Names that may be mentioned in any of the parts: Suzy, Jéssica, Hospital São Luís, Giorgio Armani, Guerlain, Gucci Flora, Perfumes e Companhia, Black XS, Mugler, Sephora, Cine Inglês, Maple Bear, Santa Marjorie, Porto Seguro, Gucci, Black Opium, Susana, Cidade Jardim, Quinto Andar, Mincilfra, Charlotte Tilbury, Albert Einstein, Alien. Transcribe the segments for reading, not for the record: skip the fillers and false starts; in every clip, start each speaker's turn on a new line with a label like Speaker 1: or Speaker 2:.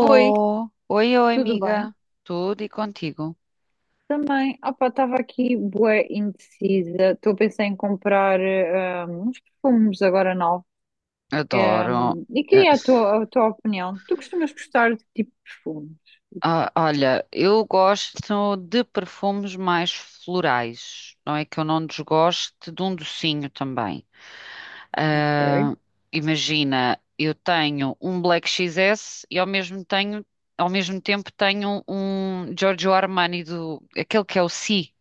Speaker 1: Oi,
Speaker 2: Oi, oi,
Speaker 1: tudo bem?
Speaker 2: amiga. Tudo e contigo?
Speaker 1: Também, opa, estava aqui bué indecisa. Estou a pensar em comprar uns perfumes agora novos. Eh,
Speaker 2: Adoro.
Speaker 1: e
Speaker 2: Eh,
Speaker 1: queria a tua opinião. Tu costumas gostar de que tipo de perfumes?
Speaker 2: Olha, eu gosto de perfumes mais florais. Não é que eu não desgoste de um docinho também.
Speaker 1: Ok.
Speaker 2: Ah, Imagina, eu tenho um Black XS e ao mesmo, tenho, ao mesmo tempo tenho um Giorgio Armani, do, aquele que é o Si,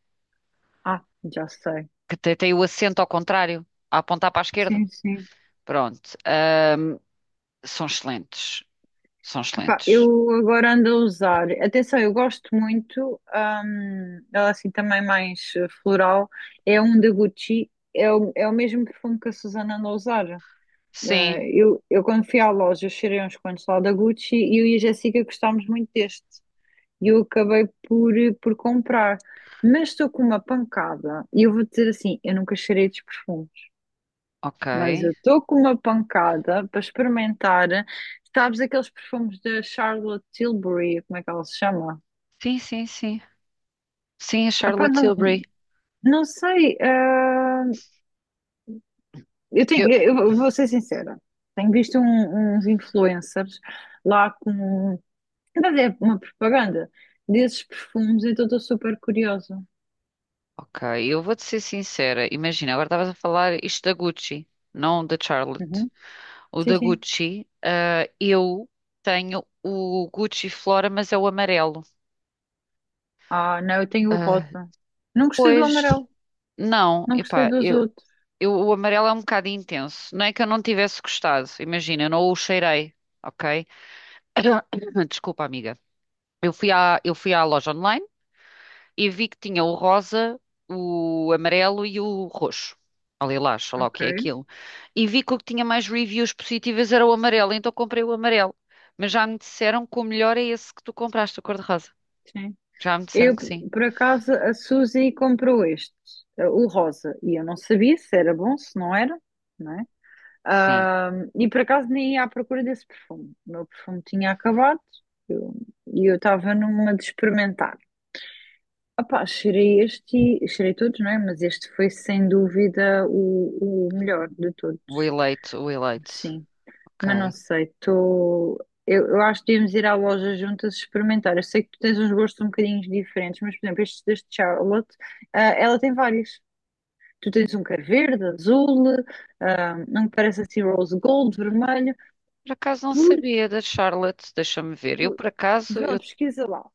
Speaker 1: Ah, já sei.
Speaker 2: que tem o acento ao contrário, a apontar para a esquerda.
Speaker 1: Sim, sim.
Speaker 2: Pronto. São excelentes. São
Speaker 1: Epá,
Speaker 2: excelentes.
Speaker 1: eu agora ando a usar. Atenção, eu gosto muito. Ela é assim também mais floral. É um da Gucci. É o mesmo perfume que a Susana anda a usar. Ah,
Speaker 2: Sim,
Speaker 1: eu quando fui à loja, eu cheirei uns quantos lá da Gucci e eu e a Jéssica gostámos muito deste. E eu acabei por, por comprar. Mas estou com uma pancada. E eu vou dizer assim, eu nunca cheirei estes perfumes.
Speaker 2: ok.
Speaker 1: Mas eu estou com uma pancada para experimentar. Sabes aqueles perfumes da Charlotte Tilbury, como é que ela se chama?
Speaker 2: Sim, sim, sim. Sim, a
Speaker 1: Epá,
Speaker 2: Charlotte
Speaker 1: não,
Speaker 2: Tilbury.
Speaker 1: não sei. Eu tenho,
Speaker 2: Eu-
Speaker 1: eu vou ser sincera. Tenho visto uns influencers lá com. Mas é uma propaganda desses perfumes, então estou super curiosa.
Speaker 2: ok, eu vou-te ser sincera. Imagina, agora estavas a falar isto da Gucci, não da Charlotte.
Speaker 1: Uhum.
Speaker 2: O
Speaker 1: Sim,
Speaker 2: da
Speaker 1: sim.
Speaker 2: Gucci, eu tenho o Gucci Flora, mas é o amarelo.
Speaker 1: Ah, não, eu tenho o
Speaker 2: Ah,
Speaker 1: rosa. Não gostei do
Speaker 2: pois,
Speaker 1: amarelo,
Speaker 2: não,
Speaker 1: não gostei
Speaker 2: epá,
Speaker 1: dos outros.
Speaker 2: eu, o amarelo é um bocado intenso. Não é que eu não tivesse gostado, imagina, eu não o cheirei, ok? Desculpa, amiga. Eu fui à loja online. E vi que tinha o rosa, o amarelo e o roxo. Ou lilás, sei lá o que é
Speaker 1: Ok,
Speaker 2: aquilo. E vi que o que tinha mais reviews positivas era o amarelo, então comprei o amarelo. Mas já me disseram que o melhor é esse que tu compraste, a cor-de-rosa.
Speaker 1: sim.
Speaker 2: Já me disseram
Speaker 1: Eu,
Speaker 2: que sim.
Speaker 1: por acaso, a Suzy comprou este, o rosa, e eu não sabia se era bom, se não era, não é?
Speaker 2: Sim,
Speaker 1: Ah, e por acaso nem ia à procura desse perfume. O meu perfume tinha acabado eu- e eu estava numa de experimentar. Opá, cheirei este, cheirei todos, não é? Mas este foi sem dúvida o melhor de todos,
Speaker 2: o eleito, o eleito.
Speaker 1: sim. Mas não
Speaker 2: Ok.
Speaker 1: sei, estou. Eu acho que devíamos ir à loja juntas experimentar. Eu sei que tu tens uns gostos um bocadinho diferentes, mas, por exemplo, este deste Charlotte, ela tem vários. Tu tens um que é verde, azul, um que parece assim rose gold, vermelho.
Speaker 2: Por acaso não
Speaker 1: Por,
Speaker 2: sabia da Charlotte, deixa-me ver. Eu
Speaker 1: por,
Speaker 2: por acaso,
Speaker 1: vê lá,
Speaker 2: eu,
Speaker 1: pesquisa lá.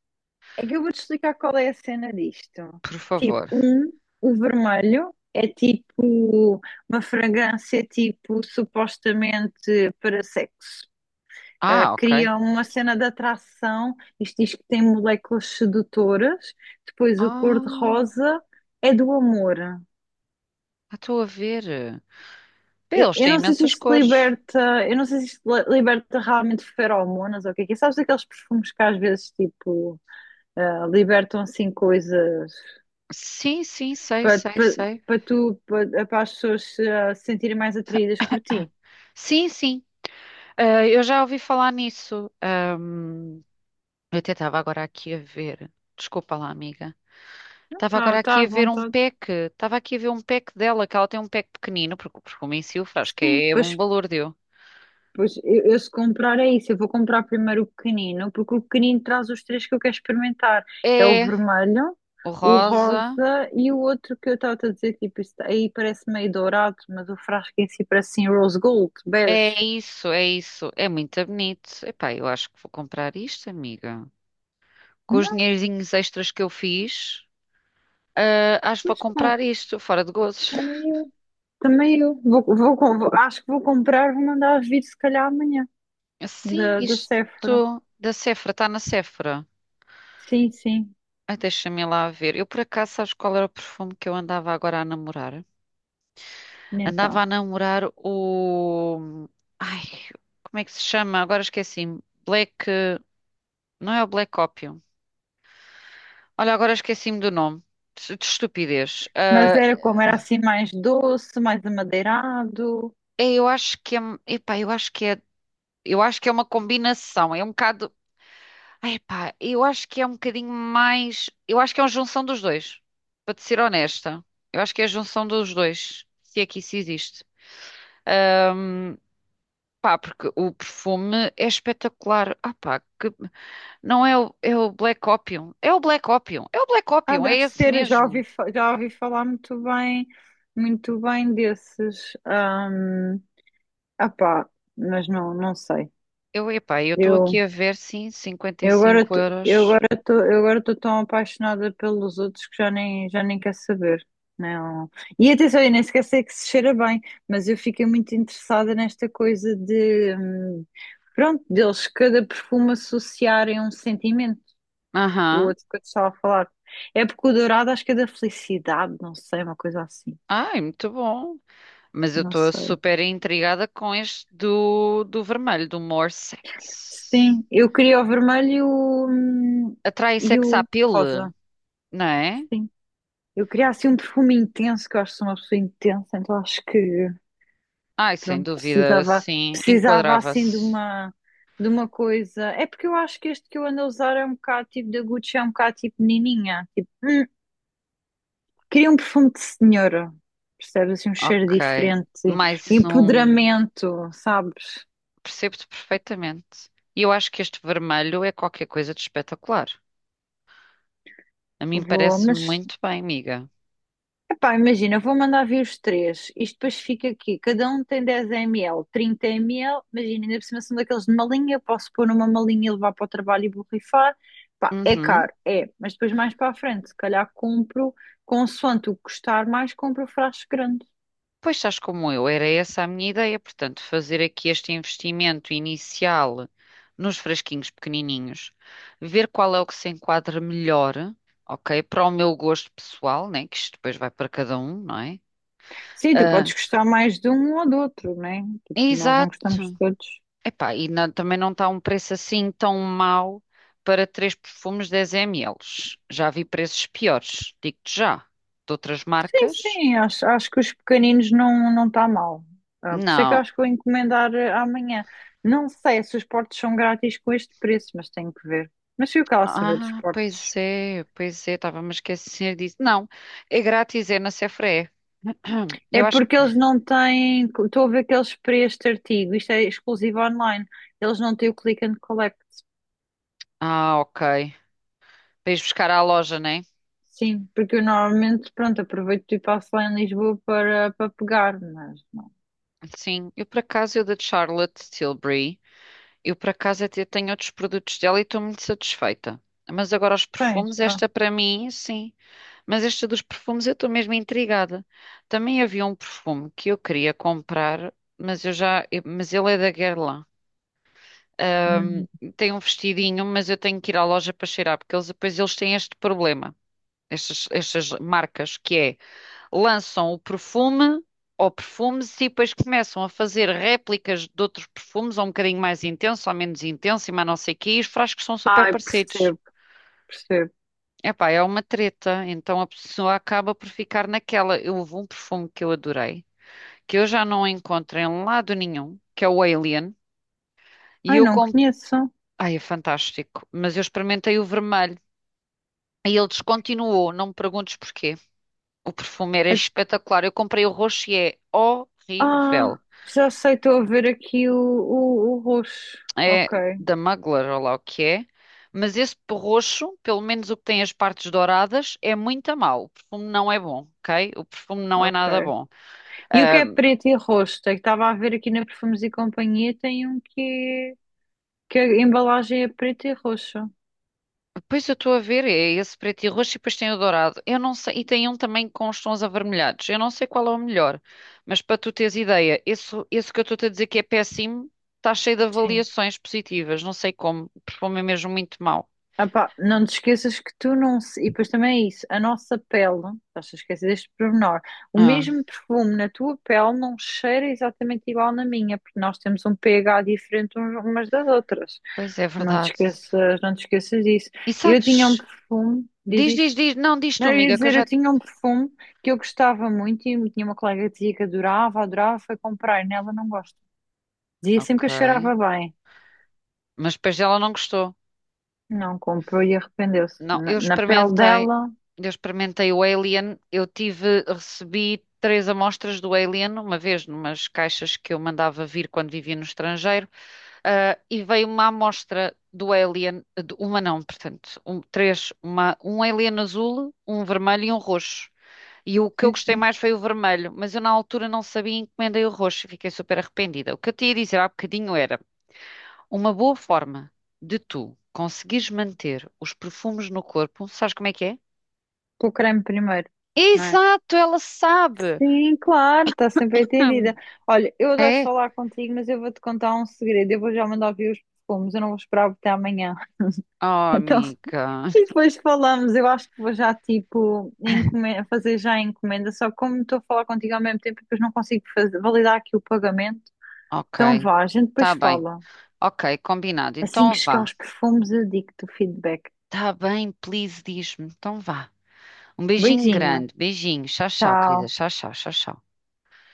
Speaker 1: É que eu vou-te explicar qual é a cena disto.
Speaker 2: por
Speaker 1: Tipo,
Speaker 2: favor.
Speaker 1: um, o vermelho é tipo uma fragrância tipo supostamente para sexo. Ah,
Speaker 2: Ah, ok.
Speaker 1: cria uma cena de atração, isto diz que tem moléculas sedutoras. Depois o
Speaker 2: Ah,
Speaker 1: cor-de-rosa é do amor.
Speaker 2: estou a ver. Pá,
Speaker 1: Eu,
Speaker 2: eles
Speaker 1: eu
Speaker 2: têm
Speaker 1: não sei se
Speaker 2: imensas
Speaker 1: isto
Speaker 2: cores.
Speaker 1: liberta, eu não sei se isto liberta realmente feromonas ou o que é que é. Sabes aqueles perfumes que às vezes tipo libertam assim coisas
Speaker 2: Sim, sim, sei,
Speaker 1: para,
Speaker 2: sei,
Speaker 1: para,
Speaker 2: sei.
Speaker 1: para tu, para as pessoas se se sentirem mais atraídas por ti.
Speaker 2: Sim, sim. Ah, eu já ouvi falar nisso. Eu até estava agora aqui a ver. Desculpa lá, amiga.
Speaker 1: Não,
Speaker 2: Estava
Speaker 1: está tá,
Speaker 2: agora
Speaker 1: tá
Speaker 2: aqui
Speaker 1: à
Speaker 2: a ver um
Speaker 1: vontade.
Speaker 2: pack. Estava aqui a ver um pack dela, que ela tem um pack pequenino, porque o Mincilfra, acho que
Speaker 1: Sim,
Speaker 2: é um
Speaker 1: pois,
Speaker 2: balúrdio.
Speaker 1: pois eu se comprar é isso, eu vou comprar primeiro o pequenino, porque o pequenino traz os três que eu quero experimentar. É o
Speaker 2: É,
Speaker 1: vermelho,
Speaker 2: o
Speaker 1: o
Speaker 2: rosa.
Speaker 1: rosa e o outro que eu estava a dizer, tipo, isso aí parece meio dourado, mas o frasco em si parece assim rose gold, bege.
Speaker 2: É isso, é isso. É muito bonito. Epá, eu acho que vou comprar isto, amiga. Com os
Speaker 1: Não,
Speaker 2: dinheirinhos extras que eu fiz, acho que vou
Speaker 1: mas pá,
Speaker 2: comprar isto, fora de gozos.
Speaker 1: também eu, também eu. Acho que vou comprar, vou mandar vir se calhar amanhã,
Speaker 2: Sim,
Speaker 1: da Sephora.
Speaker 2: isto da Sephora, está na Sephora.
Speaker 1: Sim, sim.
Speaker 2: Ai, deixa-me lá ver. Eu por acaso, sabes qual era o perfume que eu andava agora a namorar? Andava
Speaker 1: Então.
Speaker 2: a namorar o. Ai, como é que se chama? Agora esqueci-me. Black. Não é o Black Opium. Olha, agora esqueci-me do nome. De estupidez.
Speaker 1: Mas era como? Era assim mais doce, mais amadeirado.
Speaker 2: É, eu acho que é. Epá, eu acho que é. Eu acho que é uma combinação. É um bocado. Ai, pá, eu acho que é um bocadinho mais. Eu acho que é uma junção dos dois. Para te ser honesta. Eu acho que é a junção dos dois. Se é que isso existe. Ahm, porque o perfume é espetacular. Ah, pá, não é o, é o Black Opium. É o Black Opium. É o Black
Speaker 1: Ah,
Speaker 2: Opium. É
Speaker 1: deve
Speaker 2: esse
Speaker 1: ser, já ouvi,
Speaker 2: mesmo.
Speaker 1: já ouvi falar muito bem desses. Ah, pá, mas não, não sei.
Speaker 2: Eu estou
Speaker 1: Eu.
Speaker 2: aqui a ver, sim, cinquenta e
Speaker 1: Eu agora,
Speaker 2: cinco euros.
Speaker 1: eu agora estou tão apaixonada pelos outros que já nem quero saber. Não. E atenção, eu nem sequer sei que se cheira bem, mas eu fiquei muito interessada nesta coisa de, pronto, deles cada perfume associarem um sentimento. O
Speaker 2: Aham.
Speaker 1: outro que eu te estava a falar. É porque o dourado acho que é da felicidade, não sei, uma coisa assim.
Speaker 2: Ai, muito bom. Mas eu
Speaker 1: Não
Speaker 2: estou
Speaker 1: sei.
Speaker 2: super intrigada com este do, do vermelho, do More Sex.
Speaker 1: Sim, eu queria o vermelho
Speaker 2: Atrai
Speaker 1: e
Speaker 2: sex
Speaker 1: o
Speaker 2: appeal,
Speaker 1: rosa.
Speaker 2: não é?
Speaker 1: Sim. Eu queria assim um perfume intenso, que eu acho que sou uma pessoa intensa, então acho que
Speaker 2: Ai, sem
Speaker 1: pronto,
Speaker 2: dúvida,
Speaker 1: precisava,
Speaker 2: sim,
Speaker 1: precisava assim de
Speaker 2: enquadrava-se.
Speaker 1: uma coisa. É porque eu acho que este que eu ando a usar é um bocado tipo da Gucci, é um bocado tipo menininha. Tipo, queria um perfume de senhora, percebes? Assim, um cheiro
Speaker 2: Ok.
Speaker 1: diferente,
Speaker 2: Mais um.
Speaker 1: empoderamento, sabes?
Speaker 2: Percebo-te perfeitamente. E eu acho que este vermelho é qualquer coisa de espetacular. A mim
Speaker 1: Vou,
Speaker 2: parece-me
Speaker 1: mas
Speaker 2: muito bem, amiga.
Speaker 1: Epá, imagina, vou mandar vir os três. Isto depois fica aqui. Cada um tem 10 ml, 30 ml. Imagina, ainda por cima são daqueles de malinha. Eu posso pôr numa malinha e levar para o trabalho e borrifar. Pá, é
Speaker 2: Uhum.
Speaker 1: caro, é. Mas depois mais para a frente, se calhar compro, consoante o que custar mais, compro o frasco grande.
Speaker 2: Pois estás como eu, era essa a minha ideia. Portanto, fazer aqui este investimento inicial nos frasquinhos pequenininhos, ver qual é o que se enquadra melhor, ok? Para o meu gosto pessoal, né? Que isto depois vai para cada um, não é?
Speaker 1: Sim, tu podes
Speaker 2: Ah,
Speaker 1: gostar mais de um ou do outro, né? Tipo, nós não
Speaker 2: Exato.
Speaker 1: gostamos de todos.
Speaker 2: Epá, e também não está um preço assim tão mau para três perfumes 10 ml. Já vi preços piores, digo-te já. De outras
Speaker 1: Sim,
Speaker 2: marcas?
Speaker 1: sim, acho que os pequeninos não está mal. Ah, por isso é que eu
Speaker 2: Não.
Speaker 1: acho que vou encomendar amanhã. Não sei se os portos são grátis com este preço, mas tenho que ver. Mas fui o que ela saber dos
Speaker 2: Ah,
Speaker 1: portos.
Speaker 2: pois é, estava-me a esquecer disso. Não, é grátis, é na Sephora.
Speaker 1: É
Speaker 2: Eu acho
Speaker 1: porque
Speaker 2: que.
Speaker 1: eles não têm. Estou a ver que eles para este artigo, isto é exclusivo online, eles não têm o click and collect.
Speaker 2: Ah, ok. Para ires buscar à loja, né?
Speaker 1: Sim, porque eu normalmente, pronto, aproveito e passo lá em Lisboa para pegar, mas não
Speaker 2: Sim, eu por acaso, eu da Charlotte Tilbury, eu por acaso até tenho outros produtos dela e estou muito satisfeita. Mas agora os
Speaker 1: tens.
Speaker 2: perfumes,
Speaker 1: Ah,
Speaker 2: esta para mim, sim. Mas esta dos perfumes eu estou mesmo intrigada. Também havia um perfume que eu queria comprar, mas eu mas ele é da Guerlain. Ahm,
Speaker 1: uhum.
Speaker 2: tem um vestidinho, mas eu tenho que ir à loja para cheirar, porque eles têm este problema, estas marcas, que é lançam o perfume ou perfumes e depois começam a fazer réplicas de outros perfumes, ou um bocadinho mais intenso, ou menos intenso, e mais não sei o quê, e os frascos são super
Speaker 1: Ai,
Speaker 2: parecidos.
Speaker 1: percebo, percebo.
Speaker 2: Epá, é uma treta, então a pessoa acaba por ficar naquela. Houve um perfume que eu adorei, que eu já não encontro em lado nenhum, que é o Alien, e
Speaker 1: Ai,
Speaker 2: eu
Speaker 1: não
Speaker 2: comprei.
Speaker 1: conheço.
Speaker 2: Ai, é fantástico, mas eu experimentei o vermelho e ele descontinuou, não me perguntes porquê. O perfume era
Speaker 1: É.
Speaker 2: espetacular, eu comprei o roxo e é
Speaker 1: Ah,
Speaker 2: horrível.
Speaker 1: já sei, estou a ver aqui o roxo.
Speaker 2: É
Speaker 1: Ok,
Speaker 2: da Mugler, ou lá o que é, mas esse roxo, pelo menos o que tem as partes douradas, é muito a mau. O perfume não é bom, ok? O perfume não é nada
Speaker 1: ok.
Speaker 2: bom.
Speaker 1: E o que
Speaker 2: Ah,
Speaker 1: é preto e roxo? É que estava a ver aqui na Perfumes e Companhia, tem um que, que a embalagem é preta e roxa.
Speaker 2: Pois eu estou a ver, é esse preto e roxo e depois tem o dourado. Eu não sei, e tem um também com os tons avermelhados. Eu não sei qual é o melhor, mas para tu teres ideia, esse que eu estou-te a dizer que é péssimo, está cheio de
Speaker 1: Sim.
Speaker 2: avaliações positivas, não sei como, o perfume é mesmo muito mau.
Speaker 1: Ah pá, não te esqueças que tu não. E depois também é isso, a nossa pele, estás a esquecer deste pormenor, o
Speaker 2: Ah,
Speaker 1: mesmo perfume na tua pele não cheira exatamente igual na minha, porque nós temos um pH diferente umas das outras.
Speaker 2: pois é
Speaker 1: Não te
Speaker 2: verdade.
Speaker 1: esqueças, não te esqueças disso.
Speaker 2: E
Speaker 1: Eu
Speaker 2: sabes?
Speaker 1: tinha um perfume, diz
Speaker 2: Diz,
Speaker 1: isto.
Speaker 2: diz, diz, não, diz tu,
Speaker 1: Não, eu ia
Speaker 2: amiga, que eu
Speaker 1: dizer, eu
Speaker 2: já.
Speaker 1: tinha um perfume que eu gostava muito e tinha uma colega que dizia que adorava, adorava, foi comprar e nela não gosto. Dizia sempre que
Speaker 2: Ok.
Speaker 1: eu cheirava bem.
Speaker 2: Mas depois ela não gostou.
Speaker 1: Não comprou e arrependeu-se.
Speaker 2: Não,
Speaker 1: Na, na pele dela,
Speaker 2: eu experimentei o Alien, eu tive, recebi 3 amostras do Alien, uma vez numas caixas que eu mandava vir quando vivia no estrangeiro, e veio uma amostra do Alien, uma não, portanto, três, uma, um Alien azul, um vermelho e um roxo. E o que eu
Speaker 1: sim,
Speaker 2: gostei
Speaker 1: sim.
Speaker 2: mais foi o vermelho, mas eu na altura não sabia e encomendei o roxo e fiquei super arrependida. O que eu te ia dizer há bocadinho era uma boa forma de tu conseguires manter os perfumes no corpo, sabes como é que é?
Speaker 1: Pelo creme primeiro, não é?
Speaker 2: Exato, ela sabe!
Speaker 1: Sim, claro, está sempre entendida.
Speaker 2: Hum,
Speaker 1: Olha, eu adoro
Speaker 2: É?
Speaker 1: falar contigo, mas eu vou-te contar um segredo. Eu vou já mandar vir os perfumes, eu não vou esperar até amanhã.
Speaker 2: Oh,
Speaker 1: Então,
Speaker 2: amiga.
Speaker 1: e depois falamos, eu acho que vou já tipo fazer já a encomenda, só que como estou a falar contigo ao mesmo tempo, depois não consigo validar aqui o pagamento. Então
Speaker 2: Ok,
Speaker 1: vá, a gente depois
Speaker 2: tá bem.
Speaker 1: fala.
Speaker 2: Ok, combinado.
Speaker 1: Assim
Speaker 2: Então
Speaker 1: que chegar
Speaker 2: vá.
Speaker 1: aos perfumes, eu digo-te o feedback.
Speaker 2: Tá bem, please, diz-me. Então vá. Um beijinho
Speaker 1: Beijinho,
Speaker 2: grande, beijinho. Tchau, tchau, querida.
Speaker 1: tchau.
Speaker 2: Tchau, tchau, tchau, tchau.